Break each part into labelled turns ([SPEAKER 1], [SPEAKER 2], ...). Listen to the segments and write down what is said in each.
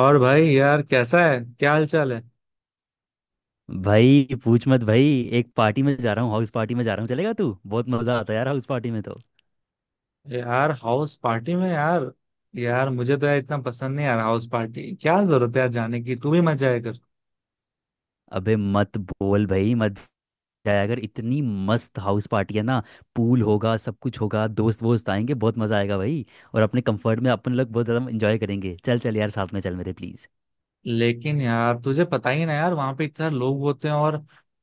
[SPEAKER 1] और भाई यार, कैसा है, क्या हाल चाल है?
[SPEAKER 2] भाई पूछ मत भाई। एक पार्टी में जा रहा हूँ, हाउस पार्टी में जा रहा हूँ। चलेगा तू? बहुत मजा आता है यार हाउस पार्टी में तो।
[SPEAKER 1] यार हाउस पार्टी में यार। यार मुझे तो यार इतना पसंद नहीं यार हाउस पार्टी। क्या जरूरत है यार जाने की? तू भी मत जाया कर।
[SPEAKER 2] अबे मत बोल भाई, मत जाया। अगर इतनी मस्त हाउस पार्टी है ना, पूल होगा, सब कुछ होगा, दोस्त वोस्त आएंगे, बहुत मज़ा आएगा भाई। और अपने कंफर्ट में अपन लोग बहुत ज़्यादा इंजॉय करेंगे। चल चल यार, साथ में चल मेरे, प्लीज़।
[SPEAKER 1] लेकिन यार तुझे पता ही ना यार, वहां पे इतने सारे लोग होते हैं और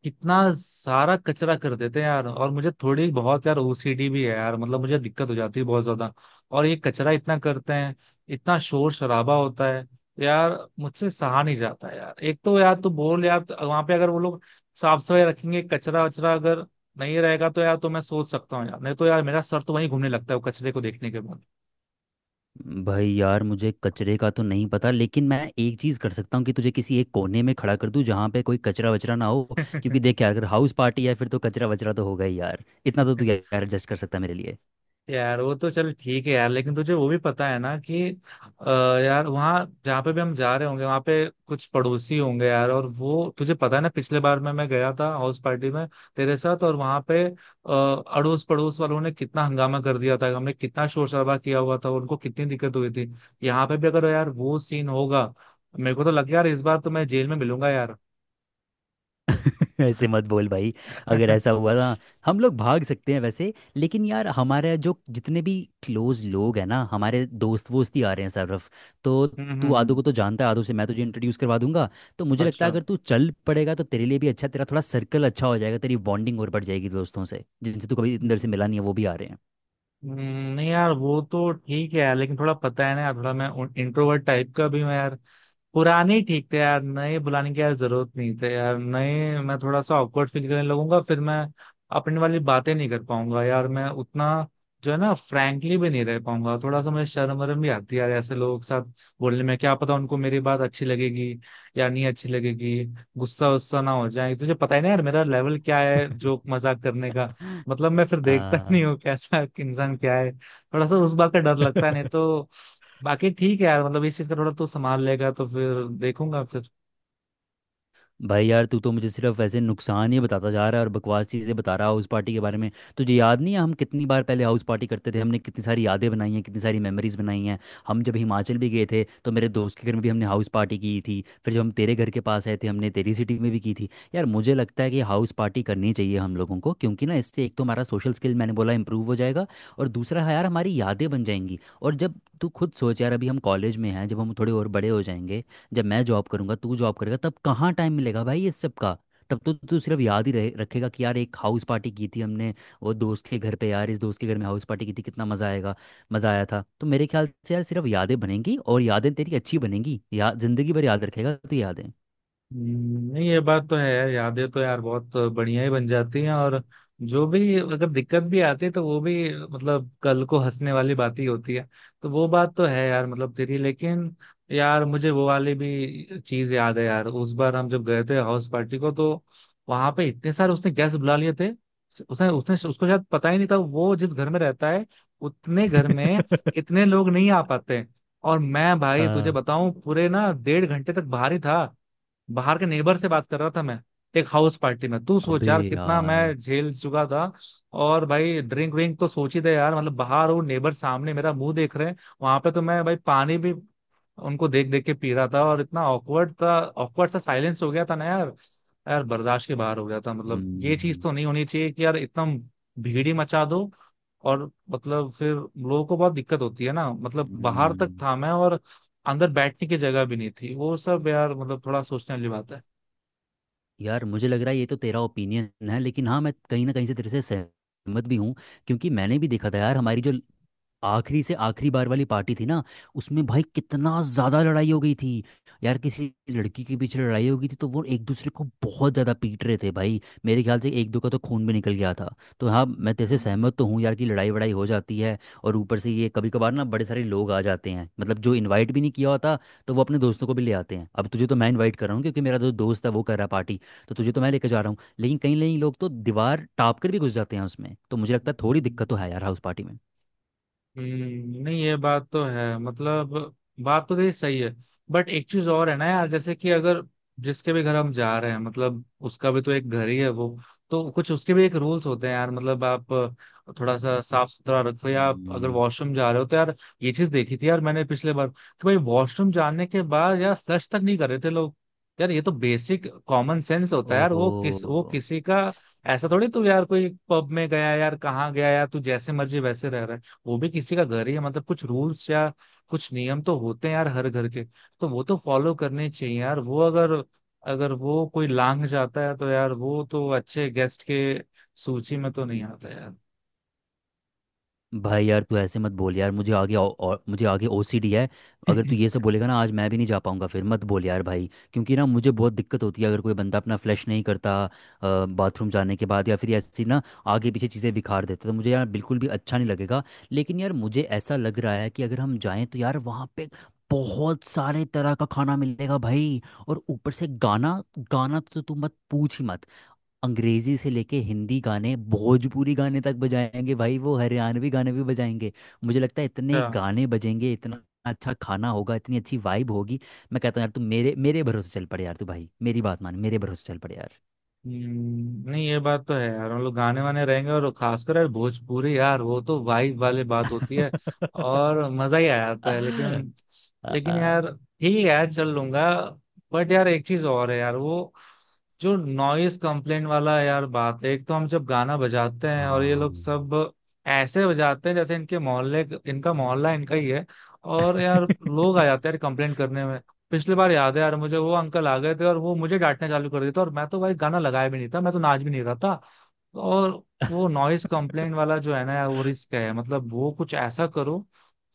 [SPEAKER 1] कितना सारा कचरा कर देते हैं यार। और मुझे थोड़ी बहुत यार ओसीडी भी है यार, मतलब मुझे दिक्कत हो जाती है बहुत ज्यादा। और ये कचरा इतना करते हैं, इतना शोर शराबा होता है, यार मुझसे सहा नहीं जाता यार। एक तो यार तू बोल यार, वहां पे अगर वो लोग साफ सफाई रखेंगे, कचरा वचरा अगर नहीं रहेगा तो यार, तो मैं सोच सकता हूँ यार, नहीं तो यार मेरा सर तो वहीं घूमने लगता है वो कचरे को देखने के
[SPEAKER 2] भाई यार, मुझे कचरे का तो नहीं पता, लेकिन मैं एक चीज़ कर सकता हूँ कि तुझे किसी एक कोने में खड़ा कर दूँ जहाँ पे कोई कचरा वचरा ना हो। क्योंकि
[SPEAKER 1] बाद।
[SPEAKER 2] देख यार, अगर हाउस पार्टी है फिर तो कचरा वचरा तो होगा ही यार, इतना तो तू यार एडजस्ट कर सकता है मेरे लिए।
[SPEAKER 1] यार वो तो चल ठीक है यार, लेकिन तुझे वो भी पता है ना कि अ, यार वहाँ जहाँ पे भी हम जा रहे होंगे, वहाँ पे कुछ पड़ोसी होंगे यार। और वो तुझे पता है ना, पिछले बार में मैं गया था हाउस पार्टी में तेरे साथ, और वहाँ पे अड़ोस पड़ोस वालों ने कितना हंगामा कर दिया था, हमने कितना शोर शराबा किया हुआ था, उनको कितनी दिक्कत हुई थी। यहाँ पे भी अगर यार वो सीन होगा, मेरे को तो लग यार इस बार तो मैं जेल में मिलूंगा यार।
[SPEAKER 2] ऐसे मत बोल भाई। अगर
[SPEAKER 1] हम्म।
[SPEAKER 2] ऐसा हुआ ना, हम लोग भाग सकते हैं वैसे। लेकिन यार हमारे जो जितने भी क्लोज लोग हैं ना, हमारे दोस्त वोस्त ही आ रहे हैं सरफ। तो
[SPEAKER 1] हम्म।
[SPEAKER 2] तू आदू को तो
[SPEAKER 1] हम्म।
[SPEAKER 2] जानता है, आदू से मैं तुझे इंट्रोड्यूस करवा दूंगा। तो मुझे लगता
[SPEAKER 1] अच्छा।
[SPEAKER 2] है अगर तू चल पड़ेगा तो तेरे लिए भी अच्छा, तेरा थोड़ा सर्कल अच्छा हो जाएगा, तेरी बॉन्डिंग और बढ़ जाएगी दोस्तों से जिनसे तू कभी इतनी देर से
[SPEAKER 1] हम्म।
[SPEAKER 2] मिला नहीं है, वो भी आ रहे
[SPEAKER 1] हम्म, नहीं यार वो तो ठीक है यार, लेकिन थोड़ा पता है ना यार, थोड़ा मैं इंट्रोवर्ट टाइप का भी हूँ यार। पुराने ही ठीक थे यार, नए बुलाने की यार जरूरत नहीं थे यार। नए मैं थोड़ा सा ऑकवर्ड फील करने लगूंगा फिर मैं, अपनी वाली बातें नहीं कर पाऊंगा यार, मैं उतना जो है ना फ्रैंकली भी नहीं रह पाऊंगा। थोड़ा सा मुझे शर्म वरम भी आती है यार ऐसे लोगों के साथ बोलने में। क्या पता उनको मेरी बात अच्छी लगेगी या नहीं अच्छी लगेगी, गुस्सा वुस्सा ना हो जाए। तुझे पता ही ना यार मेरा लेवल क्या है
[SPEAKER 2] हैं।
[SPEAKER 1] जोक मजाक करने, मतलब मैं फिर देखता ही नहीं
[SPEAKER 2] हाँ।
[SPEAKER 1] हूँ कैसा इंसान क्या है, थोड़ा सा उस बात का डर लगता है, नहीं तो बाकी ठीक है यार। मतलब इस चीज का थोड़ा तू संभाल लेगा तो फिर देखूंगा फिर।
[SPEAKER 2] भाई यार, तू तो मुझे सिर्फ ऐसे नुकसान ही बताता जा रहा है और बकवास चीज़ें बता रहा है हाउस पार्टी के बारे में। तुझे याद नहीं है हम कितनी बार पहले हाउस पार्टी करते थे? हमने कितनी सारी यादें बनाई हैं, कितनी सारी मेमोरीज बनाई हैं। हम जब हिमाचल भी गए थे तो मेरे दोस्त के घर में भी हमने हाउस पार्टी की थी। फिर जब हम तेरे घर के पास आए थे, हमने तेरी सिटी में भी की थी। यार मुझे लगता है कि हाउस पार्टी करनी चाहिए हम लोगों को, क्योंकि ना इससे एक तो हमारा सोशल स्किल, मैंने बोला, इंप्रूव हो जाएगा। और दूसरा है यार, हमारी यादें बन जाएंगी। और जब तू खुद सोच यार, अभी हम कॉलेज में हैं, जब हम थोड़े और बड़े हो जाएंगे, जब मैं जॉब करूंगा, तू जॉब करेगा, तब कहाँ टाइम मिलेगा भाई ये सब का? तब तो तू सिर्फ याद ही रहे रखेगा कि यार एक हाउस पार्टी की थी हमने वो दोस्त के घर पे, यार इस दोस्त के घर में हाउस पार्टी की थी, कितना मज़ा आएगा, मज़ा आया था। तो मेरे ख्याल से यार सिर्फ यादें बनेंगी और यादें तेरी अच्छी बनेंगी, या जिंदगी भर याद रखेगा तो यादें।
[SPEAKER 1] नहीं ये बात तो है यार, यादें तो यार बहुत बढ़िया ही बन जाती हैं, और जो भी अगर दिक्कत भी आती है तो वो भी मतलब कल को हंसने वाली बात ही होती है। तो वो बात तो है यार मतलब तेरी। लेकिन यार मुझे वो वाली भी चीज याद है यार, उस बार हम जब गए थे हाउस पार्टी को, तो वहां पे इतने सारे उसने गेस्ट बुला लिए थे। उसने उसने उसको शायद पता ही नहीं था वो जिस घर में रहता है उतने घर में इतने लोग नहीं आ पाते। और मैं भाई तुझे
[SPEAKER 2] हाँ।
[SPEAKER 1] बताऊं, पूरे ना डेढ़ घंटे तक बाहर ही था, बाहर के नेबर से बात कर रहा था मैं। एक हाउस पार्टी में तू सोच
[SPEAKER 2] अबे
[SPEAKER 1] यार कितना
[SPEAKER 2] यार।
[SPEAKER 1] मैं झेल चुका था। और भाई ड्रिंक व्रिंक तो सोच ही दे यार, मतलब बाहर वो नेबर सामने, मेरा मुंह देख रहे हैं। वहां पे तो मैं भाई पानी भी उनको देख देख के पी रहा था, और इतना ऑकवर्ड था, ऑकवर्ड सा साइलेंस हो गया था ना यार, यार बर्दाश्त के बाहर हो गया था। मतलब ये चीज
[SPEAKER 2] हम्म,
[SPEAKER 1] तो नहीं होनी चाहिए कि यार इतना भीड़ ही मचा दो, और मतलब फिर लोगों को बहुत दिक्कत होती है ना, मतलब बाहर तक
[SPEAKER 2] हम्म।
[SPEAKER 1] था मैं, और अंदर बैठने की जगह भी नहीं थी वो सब यार, मतलब थोड़ा सोचने वाली बात
[SPEAKER 2] यार मुझे लग रहा है ये तो तेरा ओपिनियन है, लेकिन हाँ, मैं कहीं ना कहीं से तेरे से सहमत भी हूँ। क्योंकि मैंने भी देखा था यार, हमारी जो आखिरी से आखिरी बार वाली पार्टी थी ना, उसमें भाई कितना ज्यादा लड़ाई हो गई थी। यार किसी लड़की के पीछे लड़ाई हो गई थी, तो वो एक दूसरे को बहुत ज्यादा पीट रहे थे भाई। मेरे ख्याल से एक दो का तो खून भी निकल गया था। तो हाँ, मैं तेरे से सहमत तो हूँ यार कि लड़ाई वड़ाई हो जाती है। और ऊपर से ये कभी कभार ना बड़े सारे लोग आ जाते हैं, मतलब जो इनवाइट भी नहीं किया होता, तो वो अपने दोस्तों को भी ले आते हैं। अब तुझे तो मैं इनवाइट कर रहा हूँ क्योंकि मेरा जो दोस्त है वो कर रहा है पार्टी, तो तुझे तो मैं लेकर जा रहा हूँ। लेकिन कई कई लोग तो दीवार टाप कर भी घुस जाते हैं उसमें, तो मुझे लगता है थोड़ी दिक्कत तो है
[SPEAKER 1] है।
[SPEAKER 2] यार हाउस पार्टी में।
[SPEAKER 1] नहीं ये बात तो है, मतलब बात तो तेरी सही है। बट एक चीज और है ना यार, जैसे कि अगर जिसके भी घर हम जा रहे हैं, मतलब उसका भी तो एक घर ही है वो, तो कुछ उसके भी एक रूल्स होते हैं यार। मतलब आप थोड़ा सा साफ सुथरा रखो, या आप अगर
[SPEAKER 2] हम्म,
[SPEAKER 1] वॉशरूम जा रहे हो तो यार, ये चीज देखी थी यार मैंने पिछले बार, कि भाई वॉशरूम जाने के बाद यार फ्लश तक नहीं कर रहे थे लोग। यार ये तो बेसिक कॉमन सेंस होता है यार।
[SPEAKER 2] ओहो।
[SPEAKER 1] वो किस, वो किसी का ऐसा थोड़ी, तू यार कोई पब में गया यार, कहाँ गया यार तू, जैसे मर्जी वैसे रह रहा है। वो भी किसी का घर ही है, मतलब कुछ रूल्स या कुछ नियम तो होते हैं यार हर घर के, तो वो तो फॉलो करने चाहिए यार। वो अगर, अगर वो कोई लांग जाता है तो यार, वो तो अच्छे गेस्ट के सूची में तो नहीं आता यार।
[SPEAKER 2] भाई यार, तू ऐसे मत बोल यार। मुझे आगे और मुझे आगे ओसीडी है। अगर तू ये सब बोलेगा ना, आज मैं भी नहीं जा पाऊंगा। फिर मत बोल यार भाई, क्योंकि ना मुझे बहुत दिक्कत होती है अगर कोई बंदा अपना फ्लश नहीं करता बाथरूम जाने के बाद, या फिर ऐसी ना आगे पीछे चीज़ें बिखार देता, तो मुझे यार बिल्कुल भी अच्छा नहीं लगेगा। लेकिन यार मुझे ऐसा लग रहा है कि अगर हम जाएं तो यार वहाँ पे बहुत सारे तरह का खाना मिलेगा भाई। और ऊपर से गाना, गाना तो तू मत पूछ ही मत। अंग्रेजी से लेके हिंदी गाने, भोजपुरी गाने तक बजाएंगे भाई, वो हरियाणवी गाने भी बजाएंगे। मुझे लगता है
[SPEAKER 1] अच्छा।
[SPEAKER 2] इतने गाने बजेंगे, इतना अच्छा खाना होगा, इतनी अच्छी वाइब होगी। मैं कहता हूँ यार, तू मेरे मेरे भरोसे चल पड़े यार। तू भाई मेरी बात मान, मेरे भरोसे चल पड़े यार।
[SPEAKER 1] नहीं ये बात तो है यार, हम लोग गाने वाने रहेंगे और खासकर यार भोजपुरी यार, वो तो वाइब वाली बात होती है और मजा ही आ जाता है। लेकिन, लेकिन
[SPEAKER 2] आ,
[SPEAKER 1] यार ठीक है यार, चल लूंगा। बट यार एक चीज और है यार, वो जो नॉइस कंप्लेंट वाला यार बात है। एक तो हम जब गाना बजाते हैं और ये
[SPEAKER 2] हाँ।
[SPEAKER 1] लोग सब ऐसे बजाते हैं जैसे इनके मोहल्ले, इनका मोहल्ला इनका ही है। और यार लोग आ जाते हैं यार कंप्लेंट करने में। पिछली बार याद है यार मुझे, वो अंकल आ गए थे और वो मुझे डांटना चालू कर दिया था, और मैं तो भाई गाना लगाया भी नहीं था, मैं तो नाच भी नहीं रहा था। और वो नॉइस कंप्लेंट वाला जो है ना यार, वो रिस्क है। मतलब वो कुछ ऐसा करो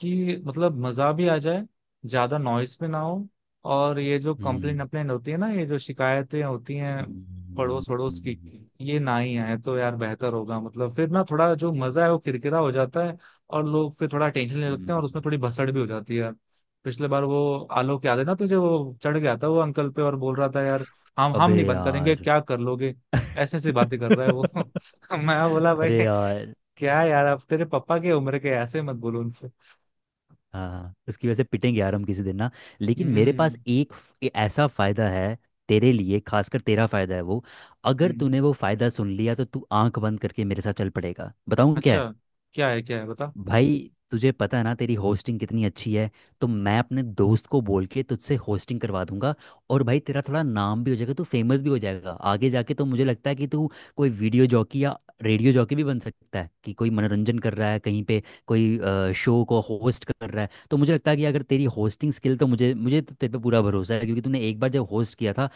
[SPEAKER 1] कि मतलब मजा भी आ जाए, ज्यादा नॉइस भी ना हो। और ये जो कंप्लेंट
[SPEAKER 2] हम्म,
[SPEAKER 1] अप्लेंट होती है ना, ये जो शिकायतें होती हैं
[SPEAKER 2] हम्म,
[SPEAKER 1] पड़ोस पड़ोस की,
[SPEAKER 2] हम्म,
[SPEAKER 1] ये ना ही आए तो यार बेहतर होगा। मतलब फिर ना थोड़ा जो मजा है वो किरकिरा हो जाता है, और लोग फिर थोड़ा टेंशन लेने लगते हैं, और उसमें
[SPEAKER 2] हम्म।
[SPEAKER 1] थोड़ी भसड़ भी हो जाती है यार। पिछले बार वो आलोक याद है ना तुझे, वो चढ़ गया था वो अंकल पे और बोल रहा था यार, हम
[SPEAKER 2] अबे
[SPEAKER 1] नहीं बंद करेंगे,
[SPEAKER 2] यार।
[SPEAKER 1] क्या कर लोगे, ऐसे ऐसी बातें कर रहा है वो। मैं बोला भाई
[SPEAKER 2] अरे यार।
[SPEAKER 1] क्या यार, अब तेरे पापा की उम्र के, ऐसे मत बोलो उनसे।
[SPEAKER 2] हाँ, उसकी वजह से पिटेंगे यार हम किसी दिन ना। लेकिन मेरे
[SPEAKER 1] हम्म।
[SPEAKER 2] पास एक ऐसा फायदा है तेरे लिए, खासकर तेरा फायदा है वो। अगर
[SPEAKER 1] हम्म।
[SPEAKER 2] तूने वो फायदा सुन लिया तो तू आंख बंद करके मेरे साथ चल पड़ेगा। बताऊँ क्या
[SPEAKER 1] अच्छा।
[SPEAKER 2] है?
[SPEAKER 1] क्या है, क्या है बता।
[SPEAKER 2] भाई तुझे पता है ना तेरी होस्टिंग कितनी अच्छी है। तो मैं अपने दोस्त को बोल के तुझसे होस्टिंग करवा दूंगा। और भाई तेरा थोड़ा नाम भी हो जाएगा, तू फेमस भी हो जाएगा आगे जाके। तो मुझे लगता है कि तू कोई वीडियो जॉकी या रेडियो जॉकी भी बन सकता है, कि कोई मनोरंजन कर रहा है कहीं पे, कोई शो को होस्ट कर रहा है। तो मुझे लगता है कि अगर तेरी होस्टिंग स्किल, तो मुझे मुझे तो तेरे पे पूरा भरोसा है क्योंकि तूने एक बार जब होस्ट किया था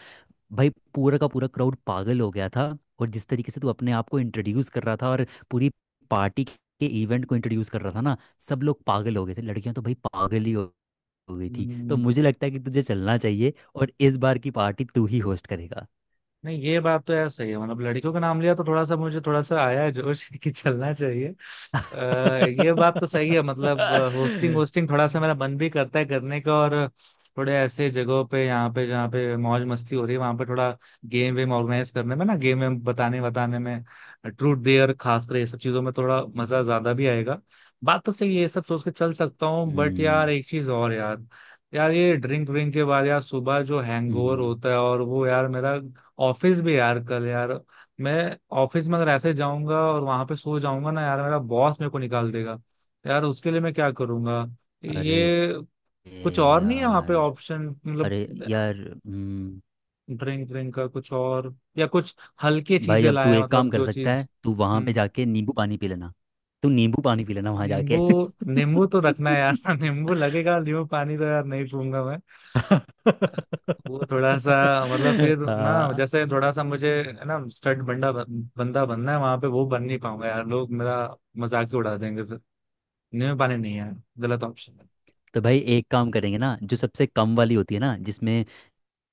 [SPEAKER 2] भाई, पूरा का पूरा क्राउड पागल हो गया था। और जिस तरीके से तू अपने आप को इंट्रोड्यूस कर रहा था और पूरी पार्टी के इवेंट को इंट्रोड्यूस कर रहा था ना, सब लोग पागल हो गए थे। लड़कियां तो भाई पागल ही हो गई थी। तो
[SPEAKER 1] हम्म,
[SPEAKER 2] मुझे लगता है कि तुझे चलना चाहिए और इस बार की पार्टी तू ही होस्ट करेगा।
[SPEAKER 1] नहीं ये बात तो यार सही है, मतलब लड़कियों का नाम लिया तो थोड़ा सा मुझे, थोड़ा सा आया है जोश कि चलना चाहिए। ये बात तो सही है, मतलब होस्टिंग, होस्टिंग थोड़ा सा मेरा मन भी करता है करने का। और थोड़े ऐसे जगहों पे, यहाँ पे जहाँ पे मौज मस्ती हो रही है, वहां पे थोड़ा गेम वेम ऑर्गेनाइज करने में ना, गेम वेम बताने बताने में, ट्रूथ डेयर खासकर, ये सब चीजों में थोड़ा मजा ज्यादा भी आएगा। बात तो सही है, ये सब सोच के चल सकता हूँ। बट यार
[SPEAKER 2] हम्म,
[SPEAKER 1] एक चीज और यार, यार ये ड्रिंक व्रिंक के बाद यार सुबह जो हैंगओवर
[SPEAKER 2] हम्म।
[SPEAKER 1] होता है, और वो यार मेरा ऑफिस भी यार कल यार, मैं ऑफिस में अगर ऐसे जाऊंगा और वहां पे सो जाऊंगा ना यार, मेरा बॉस मेरे को निकाल देगा यार, उसके लिए मैं क्या करूंगा?
[SPEAKER 2] अरे
[SPEAKER 1] ये कुछ और नहीं है वहां पे
[SPEAKER 2] यार।
[SPEAKER 1] ऑप्शन, मतलब
[SPEAKER 2] अरे यार। हम्म,
[SPEAKER 1] ड्रिंक ड्रिंक का कुछ और या कुछ हल्की
[SPEAKER 2] भाई
[SPEAKER 1] चीजें
[SPEAKER 2] अब तू
[SPEAKER 1] लाया,
[SPEAKER 2] एक
[SPEAKER 1] मतलब
[SPEAKER 2] काम कर
[SPEAKER 1] जो
[SPEAKER 2] सकता
[SPEAKER 1] चीज।
[SPEAKER 2] है, तू वहां पे
[SPEAKER 1] हम्म।
[SPEAKER 2] जाके नींबू पानी पी लेना। तू नींबू पानी पी लेना वहां
[SPEAKER 1] नींबू,
[SPEAKER 2] जाके।
[SPEAKER 1] नींबू तो रखना है यार नींबू लगेगा, नींबू पानी तो यार नहीं पीऊंगा मैं। वो थोड़ा सा, मतलब फिर ना,
[SPEAKER 2] हाँ,
[SPEAKER 1] जैसे थोड़ा सा मुझे है ना स्टड बंदा, बंदा बनना है वहां पे, वो बन नहीं पाऊंगा यार, लोग मेरा मजाक ही उड़ा देंगे फिर। नहीं, पाने नहीं है, गलत ऑप्शन है।
[SPEAKER 2] तो भाई एक काम करेंगे ना, जो सबसे कम वाली होती है ना, जिसमें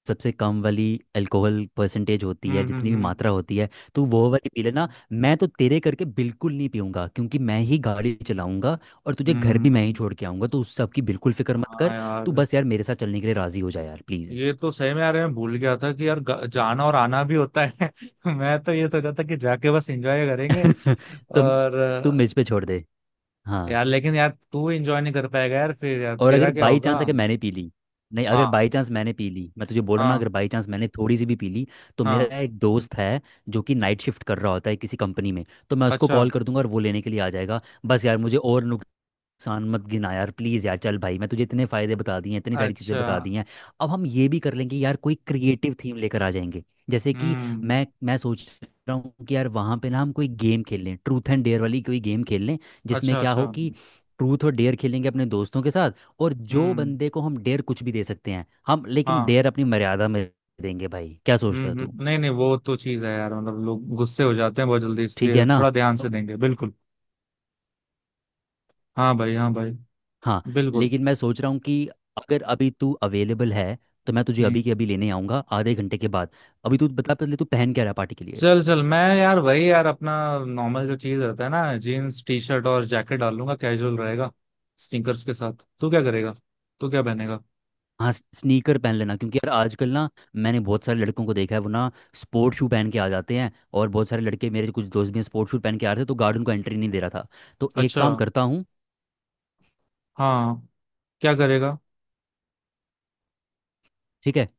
[SPEAKER 2] सबसे कम वाली अल्कोहल परसेंटेज होती
[SPEAKER 1] हम्म।
[SPEAKER 2] है, जितनी
[SPEAKER 1] हम्म।
[SPEAKER 2] भी
[SPEAKER 1] हम्म।
[SPEAKER 2] मात्रा होती है, तो वो वाली पी लेना। मैं तो तेरे करके बिल्कुल नहीं पीऊंगा, क्योंकि मैं ही गाड़ी चलाऊंगा और तुझे घर भी मैं ही
[SPEAKER 1] हम्म।
[SPEAKER 2] छोड़ के आऊंगा। तो उस सब की बिल्कुल फिक्र मत
[SPEAKER 1] हाँ
[SPEAKER 2] कर। तू
[SPEAKER 1] यार,
[SPEAKER 2] बस यार मेरे साथ चलने के लिए राजी हो जा यार, प्लीज।
[SPEAKER 1] ये तो सही में यार मैं भूल गया था कि यार जाना और आना भी होता है। मैं तो ये सोचा था कि जाके बस एंजॉय करेंगे
[SPEAKER 2] तुम
[SPEAKER 1] और
[SPEAKER 2] तुम मुझ पे छोड़ दे। हाँ।
[SPEAKER 1] यार लेकिन यार तू एंजॉय नहीं कर पाएगा यार फिर, यार
[SPEAKER 2] और
[SPEAKER 1] तेरा
[SPEAKER 2] अगर
[SPEAKER 1] क्या
[SPEAKER 2] बाई
[SPEAKER 1] होगा?
[SPEAKER 2] चांस, अगर मैंने पी ली, नहीं, अगर
[SPEAKER 1] हाँ,
[SPEAKER 2] बाई चांस मैंने पी ली, मैं तुझे बोल रहा हूँ ना,
[SPEAKER 1] हाँ,
[SPEAKER 2] अगर बाई चांस मैंने थोड़ी सी भी पी ली, तो मेरा
[SPEAKER 1] हाँ।
[SPEAKER 2] एक दोस्त है जो कि नाइट शिफ्ट कर रहा होता है किसी कंपनी में, तो मैं उसको
[SPEAKER 1] अच्छा,
[SPEAKER 2] कॉल कर दूंगा और वो लेने के लिए आ जाएगा। बस यार मुझे और नुकसान मत गिना यार, प्लीज़। यार चल भाई, मैं तुझे इतने फ़ायदे बता दिए हैं, इतनी सारी चीज़ें
[SPEAKER 1] अच्छा।
[SPEAKER 2] बता दी हैं। अब हम ये भी कर लेंगे यार, कोई क्रिएटिव थीम लेकर आ जाएंगे। जैसे कि
[SPEAKER 1] हम्म।
[SPEAKER 2] मैं सोच रहा हूँ कि यार वहाँ पे ना हम कोई गेम खेल लें, ट्रूथ एंड डेयर वाली कोई गेम खेल लें, जिसमें
[SPEAKER 1] अच्छा,
[SPEAKER 2] क्या हो
[SPEAKER 1] अच्छा।
[SPEAKER 2] कि ट्रूथ और डेयर खेलेंगे अपने दोस्तों के साथ, और जो
[SPEAKER 1] हम्म।
[SPEAKER 2] बंदे को हम डेयर कुछ भी दे सकते हैं हम, लेकिन
[SPEAKER 1] हाँ।
[SPEAKER 2] डेयर अपनी मर्यादा में देंगे भाई। क्या सोचता है
[SPEAKER 1] हम्म,
[SPEAKER 2] तू?
[SPEAKER 1] हम्म, नहीं नहीं, वो तो चीज है यार, मतलब लोग गुस्से हो जाते हैं बहुत जल्दी,
[SPEAKER 2] ठीक है
[SPEAKER 1] इसलिए
[SPEAKER 2] ना?
[SPEAKER 1] थोड़ा ध्यान से देंगे बिल्कुल। हाँ भाई, हाँ भाई।
[SPEAKER 2] हाँ।
[SPEAKER 1] बिल्कुल।
[SPEAKER 2] लेकिन मैं सोच रहा हूँ कि अगर अभी तू अवेलेबल है, तो मैं तुझे अभी के
[SPEAKER 1] हम्म।
[SPEAKER 2] अभी लेने आऊँगा आधे घंटे के बाद। अभी तू बता पहले, तू पहन क्या रहा है पार्टी के लिए?
[SPEAKER 1] चल चल, मैं यार वही यार अपना नॉर्मल जो चीज रहता है ना, जीन्स टी शर्ट और जैकेट डाल लूंगा, कैजुअल रहेगा, स्नीकर्स के साथ। तू क्या करेगा, तू क्या पहनेगा?
[SPEAKER 2] हाँ, स्नीकर पहन लेना, क्योंकि यार आजकल ना मैंने बहुत सारे लड़कों को देखा है, वो ना स्पोर्ट शू पहन के आ जाते हैं। और बहुत सारे लड़के, मेरे कुछ दोस्त भी हैं, स्पोर्ट शू पहन के आ रहे थे तो गार्ड उनको एंट्री नहीं दे रहा था। तो एक
[SPEAKER 1] अच्छा।
[SPEAKER 2] काम करता हूँ।
[SPEAKER 1] हाँ। क्या करेगा?
[SPEAKER 2] ठीक है।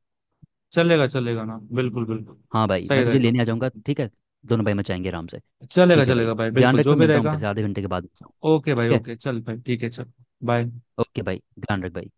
[SPEAKER 1] चलेगा, चलेगा ना, बिल्कुल बिल्कुल।
[SPEAKER 2] हाँ भाई,
[SPEAKER 1] सही
[SPEAKER 2] मैं तुझे
[SPEAKER 1] रहेगा।
[SPEAKER 2] लेने आ जाऊँगा, ठीक है। दोनों भाई मचाएंगे आराम से।
[SPEAKER 1] चलेगा
[SPEAKER 2] ठीक है भाई,
[SPEAKER 1] चलेगा भाई,
[SPEAKER 2] ध्यान
[SPEAKER 1] बिल्कुल
[SPEAKER 2] रख।
[SPEAKER 1] जो
[SPEAKER 2] फिर
[SPEAKER 1] भी
[SPEAKER 2] मिलता हूँ, मैं
[SPEAKER 1] रहेगा।
[SPEAKER 2] तेरे से आधे घंटे के बाद मिलता हूँ।
[SPEAKER 1] ओके भाई,
[SPEAKER 2] ठीक है।
[SPEAKER 1] ओके, चल भाई, ठीक है, चल। बाय।
[SPEAKER 2] ओके भाई, ध्यान रख भाई।